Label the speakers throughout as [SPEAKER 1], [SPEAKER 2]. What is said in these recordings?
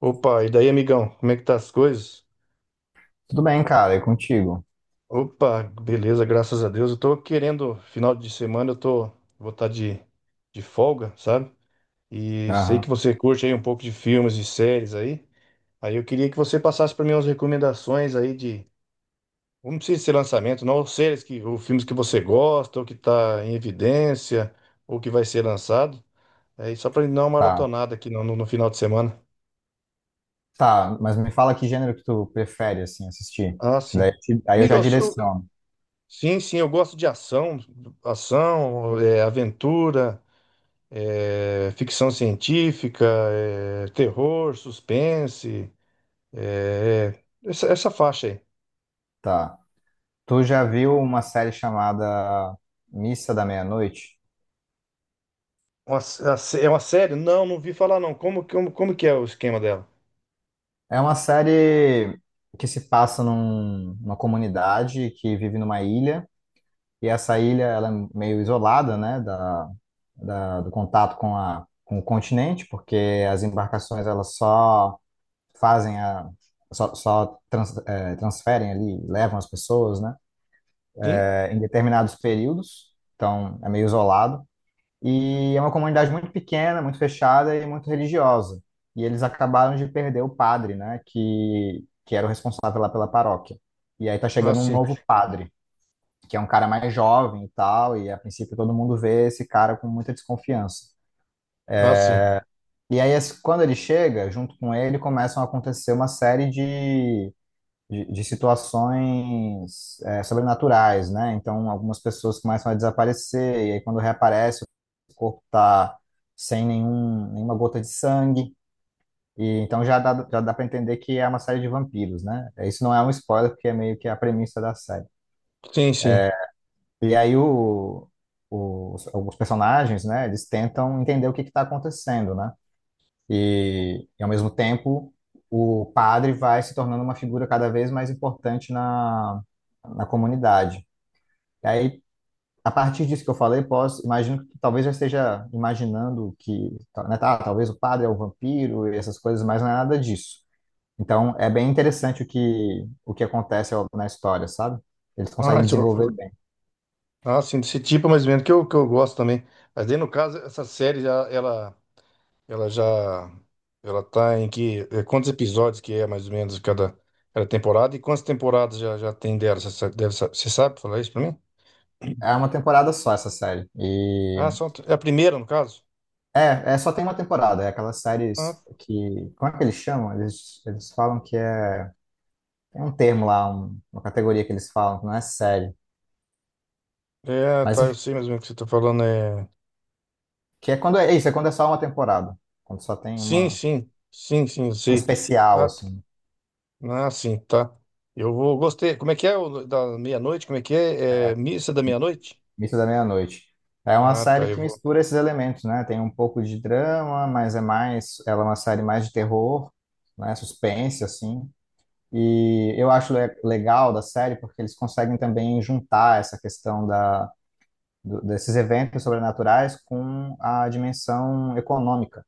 [SPEAKER 1] Opa, e daí, amigão? Como é que tá as coisas?
[SPEAKER 2] Tudo bem, cara, é contigo.
[SPEAKER 1] Opa, beleza, graças a Deus. Eu tô querendo, final de semana, eu tô, vou estar de folga, sabe? E sei que
[SPEAKER 2] Aham,
[SPEAKER 1] você curte aí um pouco de filmes e séries aí. Aí eu queria que você passasse para mim umas recomendações aí de, não precisa ser lançamento, não, séries que, ou filmes que você gosta, ou que tá em evidência, ou que vai ser lançado. Aí só para dar uma
[SPEAKER 2] tá.
[SPEAKER 1] maratonada aqui no final de semana.
[SPEAKER 2] Tá, mas me fala que gênero que tu prefere, assim, assistir.
[SPEAKER 1] Ah,
[SPEAKER 2] Que daí,
[SPEAKER 1] sim.
[SPEAKER 2] aí eu já
[SPEAKER 1] Amigos,
[SPEAKER 2] direciono.
[SPEAKER 1] sim, sim, eu gosto de ação, aventura, ficção científica, terror, suspense, é, essa faixa aí.
[SPEAKER 2] Tá. Tu já viu uma série chamada Missa da Meia-Noite?
[SPEAKER 1] Uma s- a sé- É uma série? Não, não vi falar não. Como que é o esquema dela?
[SPEAKER 2] É uma série que se passa numa comunidade que vive numa ilha, e essa ilha, ela é meio isolada, né, do contato com a, com o continente, porque as embarcações, elas só fazem a só, só trans, é, transferem ali, levam as pessoas, né?
[SPEAKER 1] Sim?
[SPEAKER 2] É, em determinados períodos, então é meio isolado. E é uma comunidade muito pequena, muito fechada e muito religiosa. E eles acabaram de perder o padre, né? Que era o responsável lá pela paróquia. E aí tá
[SPEAKER 1] Ah,
[SPEAKER 2] chegando um
[SPEAKER 1] sim.
[SPEAKER 2] novo padre, que é um cara mais jovem e tal, e a princípio todo mundo vê esse cara com muita desconfiança.
[SPEAKER 1] Ah, sim.
[SPEAKER 2] E aí, quando ele chega, junto com ele, começam a acontecer uma série de de situações sobrenaturais, né? Então, algumas pessoas começam a desaparecer, e aí quando reaparece, o corpo está sem nenhuma gota de sangue, e então já dá para entender que é uma série de vampiros, né? Isso não é um spoiler, porque é meio que a premissa da série.
[SPEAKER 1] Sim, sim.
[SPEAKER 2] E aí alguns personagens, né, eles tentam entender o que está acontecendo, né? Ao mesmo tempo, o padre vai se tornando uma figura cada vez mais importante na, na comunidade. E aí, a partir disso que eu falei, posso, imagino que tu talvez já esteja imaginando que, né, tá, talvez o padre é o vampiro e essas coisas, mas não é nada disso. Então, é bem interessante o que acontece na história, sabe? Eles
[SPEAKER 1] Ah,
[SPEAKER 2] conseguem
[SPEAKER 1] deixa
[SPEAKER 2] desenvolver
[SPEAKER 1] eu-
[SPEAKER 2] bem.
[SPEAKER 1] ah, sim, desse tipo mais ou menos, que eu gosto também. Mas aí, no caso, essa série, já, ela... Ela já. ela tá em que. Quantos episódios que é mais ou menos cada temporada? E quantas temporadas já tem dela? Você sa- deve sa- Você sabe falar isso pra mim?
[SPEAKER 2] É uma temporada só essa série.
[SPEAKER 1] Ah, só, é a primeira, no caso?
[SPEAKER 2] Só tem uma temporada, é aquelas
[SPEAKER 1] Ah,
[SPEAKER 2] séries que. Como é que eles chamam? Eles falam que é. Tem um termo lá, uma categoria que eles falam, que não é série.
[SPEAKER 1] é,
[SPEAKER 2] Mas
[SPEAKER 1] tá, eu
[SPEAKER 2] enfim,
[SPEAKER 1] sei mais ou menos o que você tá falando. É...
[SPEAKER 2] que é quando é isso, é quando é só uma temporada. Quando só tem
[SPEAKER 1] Sim,
[SPEAKER 2] uma,
[SPEAKER 1] sim. Sim, sim, eu
[SPEAKER 2] um
[SPEAKER 1] sei.
[SPEAKER 2] especial,
[SPEAKER 1] Ah, t-
[SPEAKER 2] assim,
[SPEAKER 1] ah, sim, tá. Eu vou. Gostei. Como é que é o da meia-noite? Como é que é? É missa da meia-noite?
[SPEAKER 2] Mito da Meia-Noite. É uma
[SPEAKER 1] Ah, tá,
[SPEAKER 2] série
[SPEAKER 1] eu
[SPEAKER 2] que
[SPEAKER 1] vou.
[SPEAKER 2] mistura esses elementos, né? Tem um pouco de drama, mas é mais. Ela é uma série mais de terror, né? Suspense, assim. E eu acho legal da série porque eles conseguem também juntar essa questão desses eventos sobrenaturais com a dimensão econômica,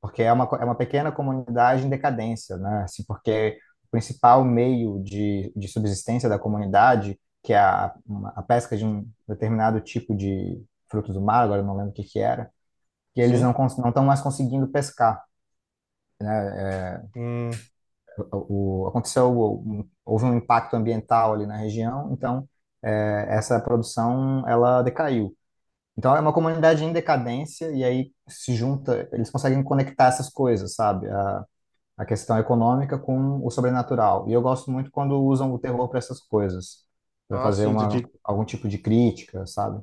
[SPEAKER 2] porque é uma pequena comunidade em decadência, né? Assim, porque o principal meio de subsistência da comunidade, que é a pesca de um determinado tipo de frutos do mar, agora eu não lembro o que que era, que eles
[SPEAKER 1] Sim.
[SPEAKER 2] não estão mais conseguindo pescar.
[SPEAKER 1] Hum.
[SPEAKER 2] O, o- aconteceu, Houve um impacto ambiental ali na região, então essa produção ela decaiu. Então é uma comunidade em decadência e aí se junta, eles conseguem conectar essas coisas, sabe? A questão econômica com o sobrenatural. E eu gosto muito quando usam o terror para essas coisas, para
[SPEAKER 1] Ah,
[SPEAKER 2] fazer
[SPEAKER 1] sim,
[SPEAKER 2] uma algum tipo de crítica, sabe?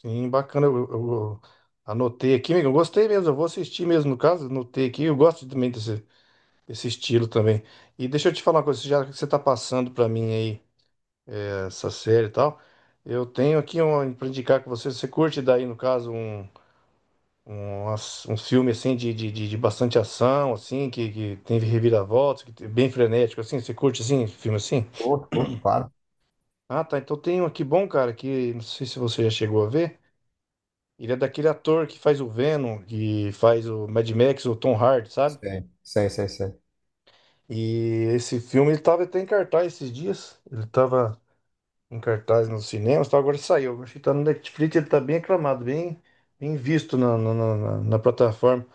[SPEAKER 1] sim, bacana. Eu anotei aqui, amigo. Eu gostei mesmo. Eu vou assistir mesmo, no caso. Anotei aqui. Eu gosto também desse, desse estilo também. E deixa eu te falar uma coisa. Já que você tá passando pra mim aí essa série e tal, eu tenho aqui um, pra indicar com você. Você curte daí, no caso, um filme assim de bastante ação, assim, que tem reviravoltas, que é bem frenético, assim. Você curte assim, filme assim?
[SPEAKER 2] Curto, curto, claro.
[SPEAKER 1] Ah, tá. Então tem um aqui bom, cara, que não sei se você já chegou a ver. Ele é daquele ator que faz o Venom, que faz o Mad Max, o Tom Hardy, sabe?
[SPEAKER 2] Sei, sei, sei, sei.
[SPEAKER 1] E esse filme ele tava até em cartaz esses dias. Ele tava em cartaz nos cinemas, tá? Agora saiu. Acho que tá no Netflix, ele tá bem aclamado, bem, bem visto na plataforma.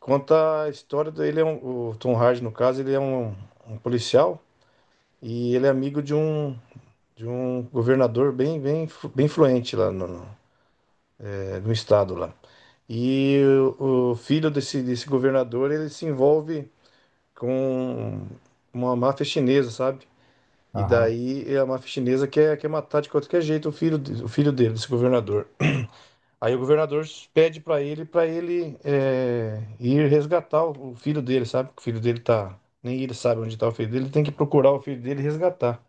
[SPEAKER 1] Conta a história dele, é um, o Tom Hardy, no caso, ele é um, um policial e ele é amigo de um governador bem influente lá no estado lá. E o filho desse governador, ele se envolve com uma máfia chinesa, sabe? E
[SPEAKER 2] Aham,
[SPEAKER 1] daí é a máfia chinesa quer matar de qualquer jeito o filho, o filho dele, desse governador. Aí o governador pede pra ele, ir resgatar o filho dele, sabe? Que o filho dele tá... Nem ele sabe onde tá o filho dele, ele tem que procurar o filho dele e resgatar.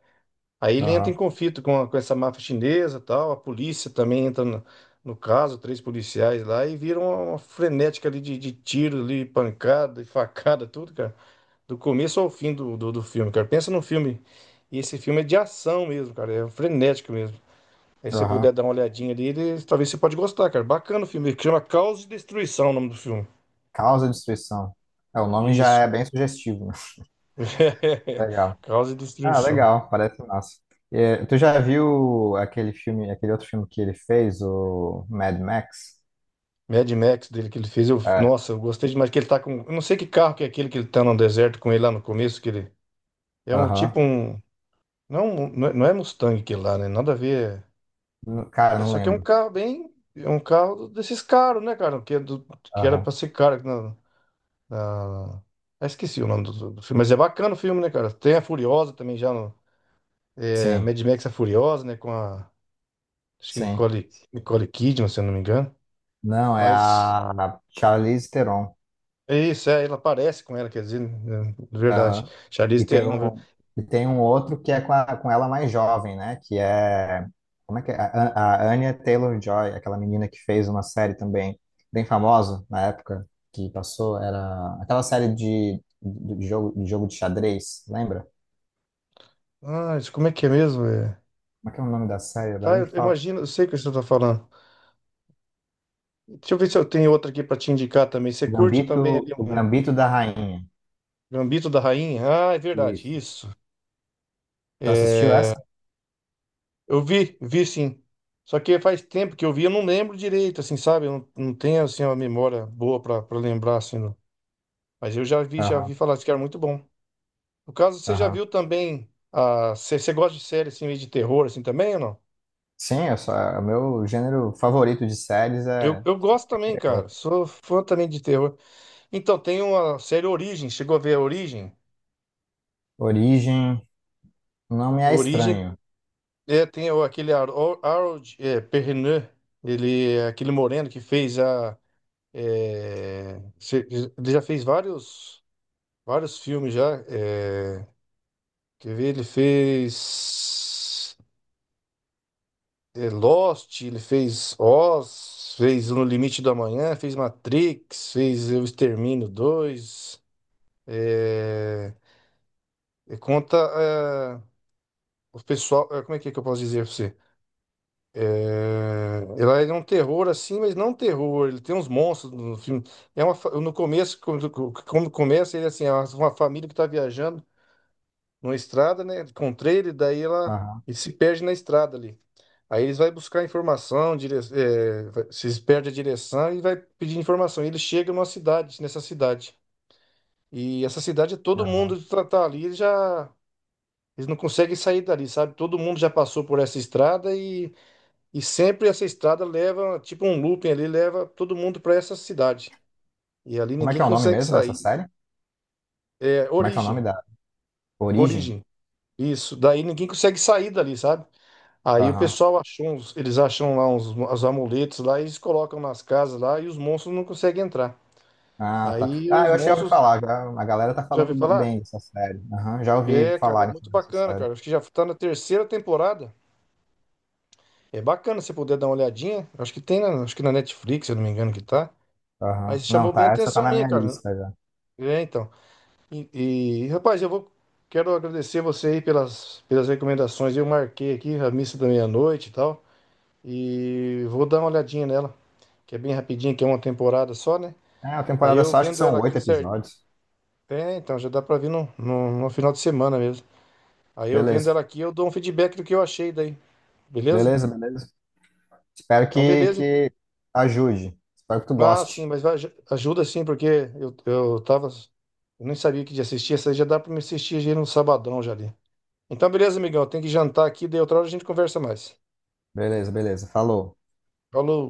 [SPEAKER 1] Aí ele entra
[SPEAKER 2] aham,
[SPEAKER 1] em conflito com essa máfia chinesa, tal, a polícia também entra no caso, três policiais lá e vira uma frenética ali de tiro, ali, pancada e facada, tudo, cara. Do começo ao fim do filme, cara. Pensa num filme. E esse filme é de ação mesmo, cara. É frenético mesmo. Aí se você puder
[SPEAKER 2] aham.
[SPEAKER 1] dar uma olhadinha ali, talvez você pode gostar, cara. Bacana o filme. Chama Caos e Destruição, é o nome do filme.
[SPEAKER 2] Causa e destruição. É, o nome já é
[SPEAKER 1] Isso.
[SPEAKER 2] bem sugestivo, né? Legal.
[SPEAKER 1] Caos e
[SPEAKER 2] Ah,
[SPEAKER 1] Destruição.
[SPEAKER 2] legal, parece massa. É, tu já viu aquele filme, aquele outro filme que ele fez, o Mad Max?
[SPEAKER 1] Mad Max dele que ele fez, eu,
[SPEAKER 2] É,
[SPEAKER 1] nossa, eu gostei demais que ele tá com, eu não sei que carro que é aquele que ele tá no deserto com ele lá no começo, que ele é um tipo
[SPEAKER 2] aham.
[SPEAKER 1] um, não, é um, não é Mustang que lá, né? Nada a ver.
[SPEAKER 2] Cara,
[SPEAKER 1] É é
[SPEAKER 2] não
[SPEAKER 1] só que é um
[SPEAKER 2] lembro.
[SPEAKER 1] carro bem, é um carro desses caros, né, cara? Que é do, que era
[SPEAKER 2] Aham.
[SPEAKER 1] pra ser caro na, na- ah, esqueci o nome do filme, mas é bacana o filme, né, cara? Tem a Furiosa também já no é,
[SPEAKER 2] Sim,
[SPEAKER 1] Mad Max a Furiosa, né, com a acho que
[SPEAKER 2] sim.
[SPEAKER 1] Nicole Kidman, se eu não me engano.
[SPEAKER 2] Não, é
[SPEAKER 1] Mas
[SPEAKER 2] a Charlize Theron.
[SPEAKER 1] isso, é, ela parece com ela, quer dizer, né, de verdade.
[SPEAKER 2] Aham.
[SPEAKER 1] Charlize
[SPEAKER 2] E tem
[SPEAKER 1] Theron, viu?
[SPEAKER 2] um, e tem um outro que é com, com ela mais jovem, né? Que é. Como é que é? A Anya Taylor-Joy, aquela menina que fez uma série também bem famosa na época que passou. Era aquela série de jogo, de jogo de xadrez, lembra?
[SPEAKER 1] Ah, isso como é que é mesmo? É?
[SPEAKER 2] Como é que é o nome da série? Agora
[SPEAKER 1] Tá,
[SPEAKER 2] me
[SPEAKER 1] eu
[SPEAKER 2] fala.
[SPEAKER 1] imagino, eu sei o que você tá falando. Deixa eu ver se eu tenho outra aqui pra te indicar também. Você curte também ali
[SPEAKER 2] O
[SPEAKER 1] algum
[SPEAKER 2] Gambito da Rainha.
[SPEAKER 1] Gambito da Rainha? Ah, é verdade,
[SPEAKER 2] Isso.
[SPEAKER 1] isso.
[SPEAKER 2] Tu assistiu
[SPEAKER 1] É,
[SPEAKER 2] essa?
[SPEAKER 1] eu vi, vi sim. Só que faz tempo que eu vi, eu não lembro direito, assim, sabe? Eu não tenho, assim, uma memória boa pra lembrar, assim. Não. Mas eu já vi
[SPEAKER 2] Aham,
[SPEAKER 1] falar disso que era muito bom. No caso, você já
[SPEAKER 2] aham.
[SPEAKER 1] viu também, a, você gosta de série, assim, meio de terror, assim, também ou não?
[SPEAKER 2] Sim, o meu gênero favorito de séries é
[SPEAKER 1] Eu gosto também, cara.
[SPEAKER 2] terror.
[SPEAKER 1] Sou fã também de terror. Então, tem uma série Origem. Chegou a ver a Origem?
[SPEAKER 2] Origem, não me é
[SPEAKER 1] Origem
[SPEAKER 2] estranho.
[SPEAKER 1] é, tem o- aquele Harold é, Perrineau. Ele é aquele moreno que fez a. É, ele já fez vários filmes já. É, quer ver? Ele fez é, Lost, ele fez Oz, fez No Limite do Amanhã, fez Matrix, fez O Extermínio 2. E conta eh, o pessoal. Como é que eu posso dizer pra você? Ela é um terror assim, mas não um terror. Ele tem uns monstros no filme. É uma, no começo, quando começa, ele assim, é uma família que tá viajando numa estrada, né? Com trailer, daí ela
[SPEAKER 2] Aham,
[SPEAKER 1] ele se perde na estrada ali. Aí eles vai buscar informação, dire, eh, vai- se eles perdem a direção e vai pedir informação. E ele chega numa cidade, nessa cidade. E essa cidade, é todo
[SPEAKER 2] aham.
[SPEAKER 1] mundo tá ali já. Eles não conseguem sair dali, sabe? Todo mundo já passou por essa estrada e sempre essa estrada leva, tipo um looping ali, leva todo mundo para essa cidade. E ali
[SPEAKER 2] Como é que
[SPEAKER 1] ninguém
[SPEAKER 2] é o nome
[SPEAKER 1] consegue
[SPEAKER 2] mesmo dessa
[SPEAKER 1] sair.
[SPEAKER 2] série?
[SPEAKER 1] É,
[SPEAKER 2] Como é que é o nome
[SPEAKER 1] origem,
[SPEAKER 2] da Origem?
[SPEAKER 1] origem. Isso, daí ninguém consegue sair dali, sabe? Aí o
[SPEAKER 2] Aham.
[SPEAKER 1] pessoal achou, uns, eles acham lá uns, os amuletos lá, e eles colocam nas casas lá e os monstros não conseguem entrar.
[SPEAKER 2] Ah, tá.
[SPEAKER 1] Aí
[SPEAKER 2] Ah,
[SPEAKER 1] os
[SPEAKER 2] eu achei ouvi
[SPEAKER 1] monstros,
[SPEAKER 2] falar. Já, a galera tá
[SPEAKER 1] já
[SPEAKER 2] falando
[SPEAKER 1] ouviu falar?
[SPEAKER 2] bem dessa série. Aham, já ouvi
[SPEAKER 1] É, cara, é
[SPEAKER 2] falarem
[SPEAKER 1] muito
[SPEAKER 2] sobre essa
[SPEAKER 1] bacana,
[SPEAKER 2] série.
[SPEAKER 1] cara. Acho que já tá na terceira temporada. É bacana se puder dar uma olhadinha. Acho que tem, na, acho que na Netflix, se eu não me engano, que tá.
[SPEAKER 2] Aham.
[SPEAKER 1] Mas
[SPEAKER 2] Não,
[SPEAKER 1] chamou bem a
[SPEAKER 2] tá, essa tá
[SPEAKER 1] atenção
[SPEAKER 2] na
[SPEAKER 1] minha,
[SPEAKER 2] minha
[SPEAKER 1] cara.
[SPEAKER 2] lista já.
[SPEAKER 1] É, então. Rapaz, eu vou, quero agradecer você aí pelas recomendações. Eu marquei aqui a missa da meia-noite e tal. E vou dar uma olhadinha nela, que é bem rapidinho, que é uma temporada só, né?
[SPEAKER 2] É, a
[SPEAKER 1] Aí
[SPEAKER 2] temporada
[SPEAKER 1] eu
[SPEAKER 2] só acho que
[SPEAKER 1] vendo
[SPEAKER 2] são
[SPEAKER 1] ela
[SPEAKER 2] oito
[SPEAKER 1] aqui certo.
[SPEAKER 2] episódios.
[SPEAKER 1] É, então já dá pra vir no final de semana mesmo. Aí eu vendo
[SPEAKER 2] Beleza,
[SPEAKER 1] ela aqui, eu dou um feedback do que eu achei daí. Beleza?
[SPEAKER 2] beleza, beleza. Espero
[SPEAKER 1] Então,
[SPEAKER 2] que,
[SPEAKER 1] beleza.
[SPEAKER 2] que ajude. Espero que tu
[SPEAKER 1] Ah, sim,
[SPEAKER 2] goste.
[SPEAKER 1] ajuda sim, porque eu tava. Eu nem sabia que ia assistir, essa aí já dá pra me assistir já no sabadão já ali. Então, beleza, amigão, tem que jantar aqui, daí outra hora a gente conversa mais.
[SPEAKER 2] Beleza, beleza. Falou.
[SPEAKER 1] Falou.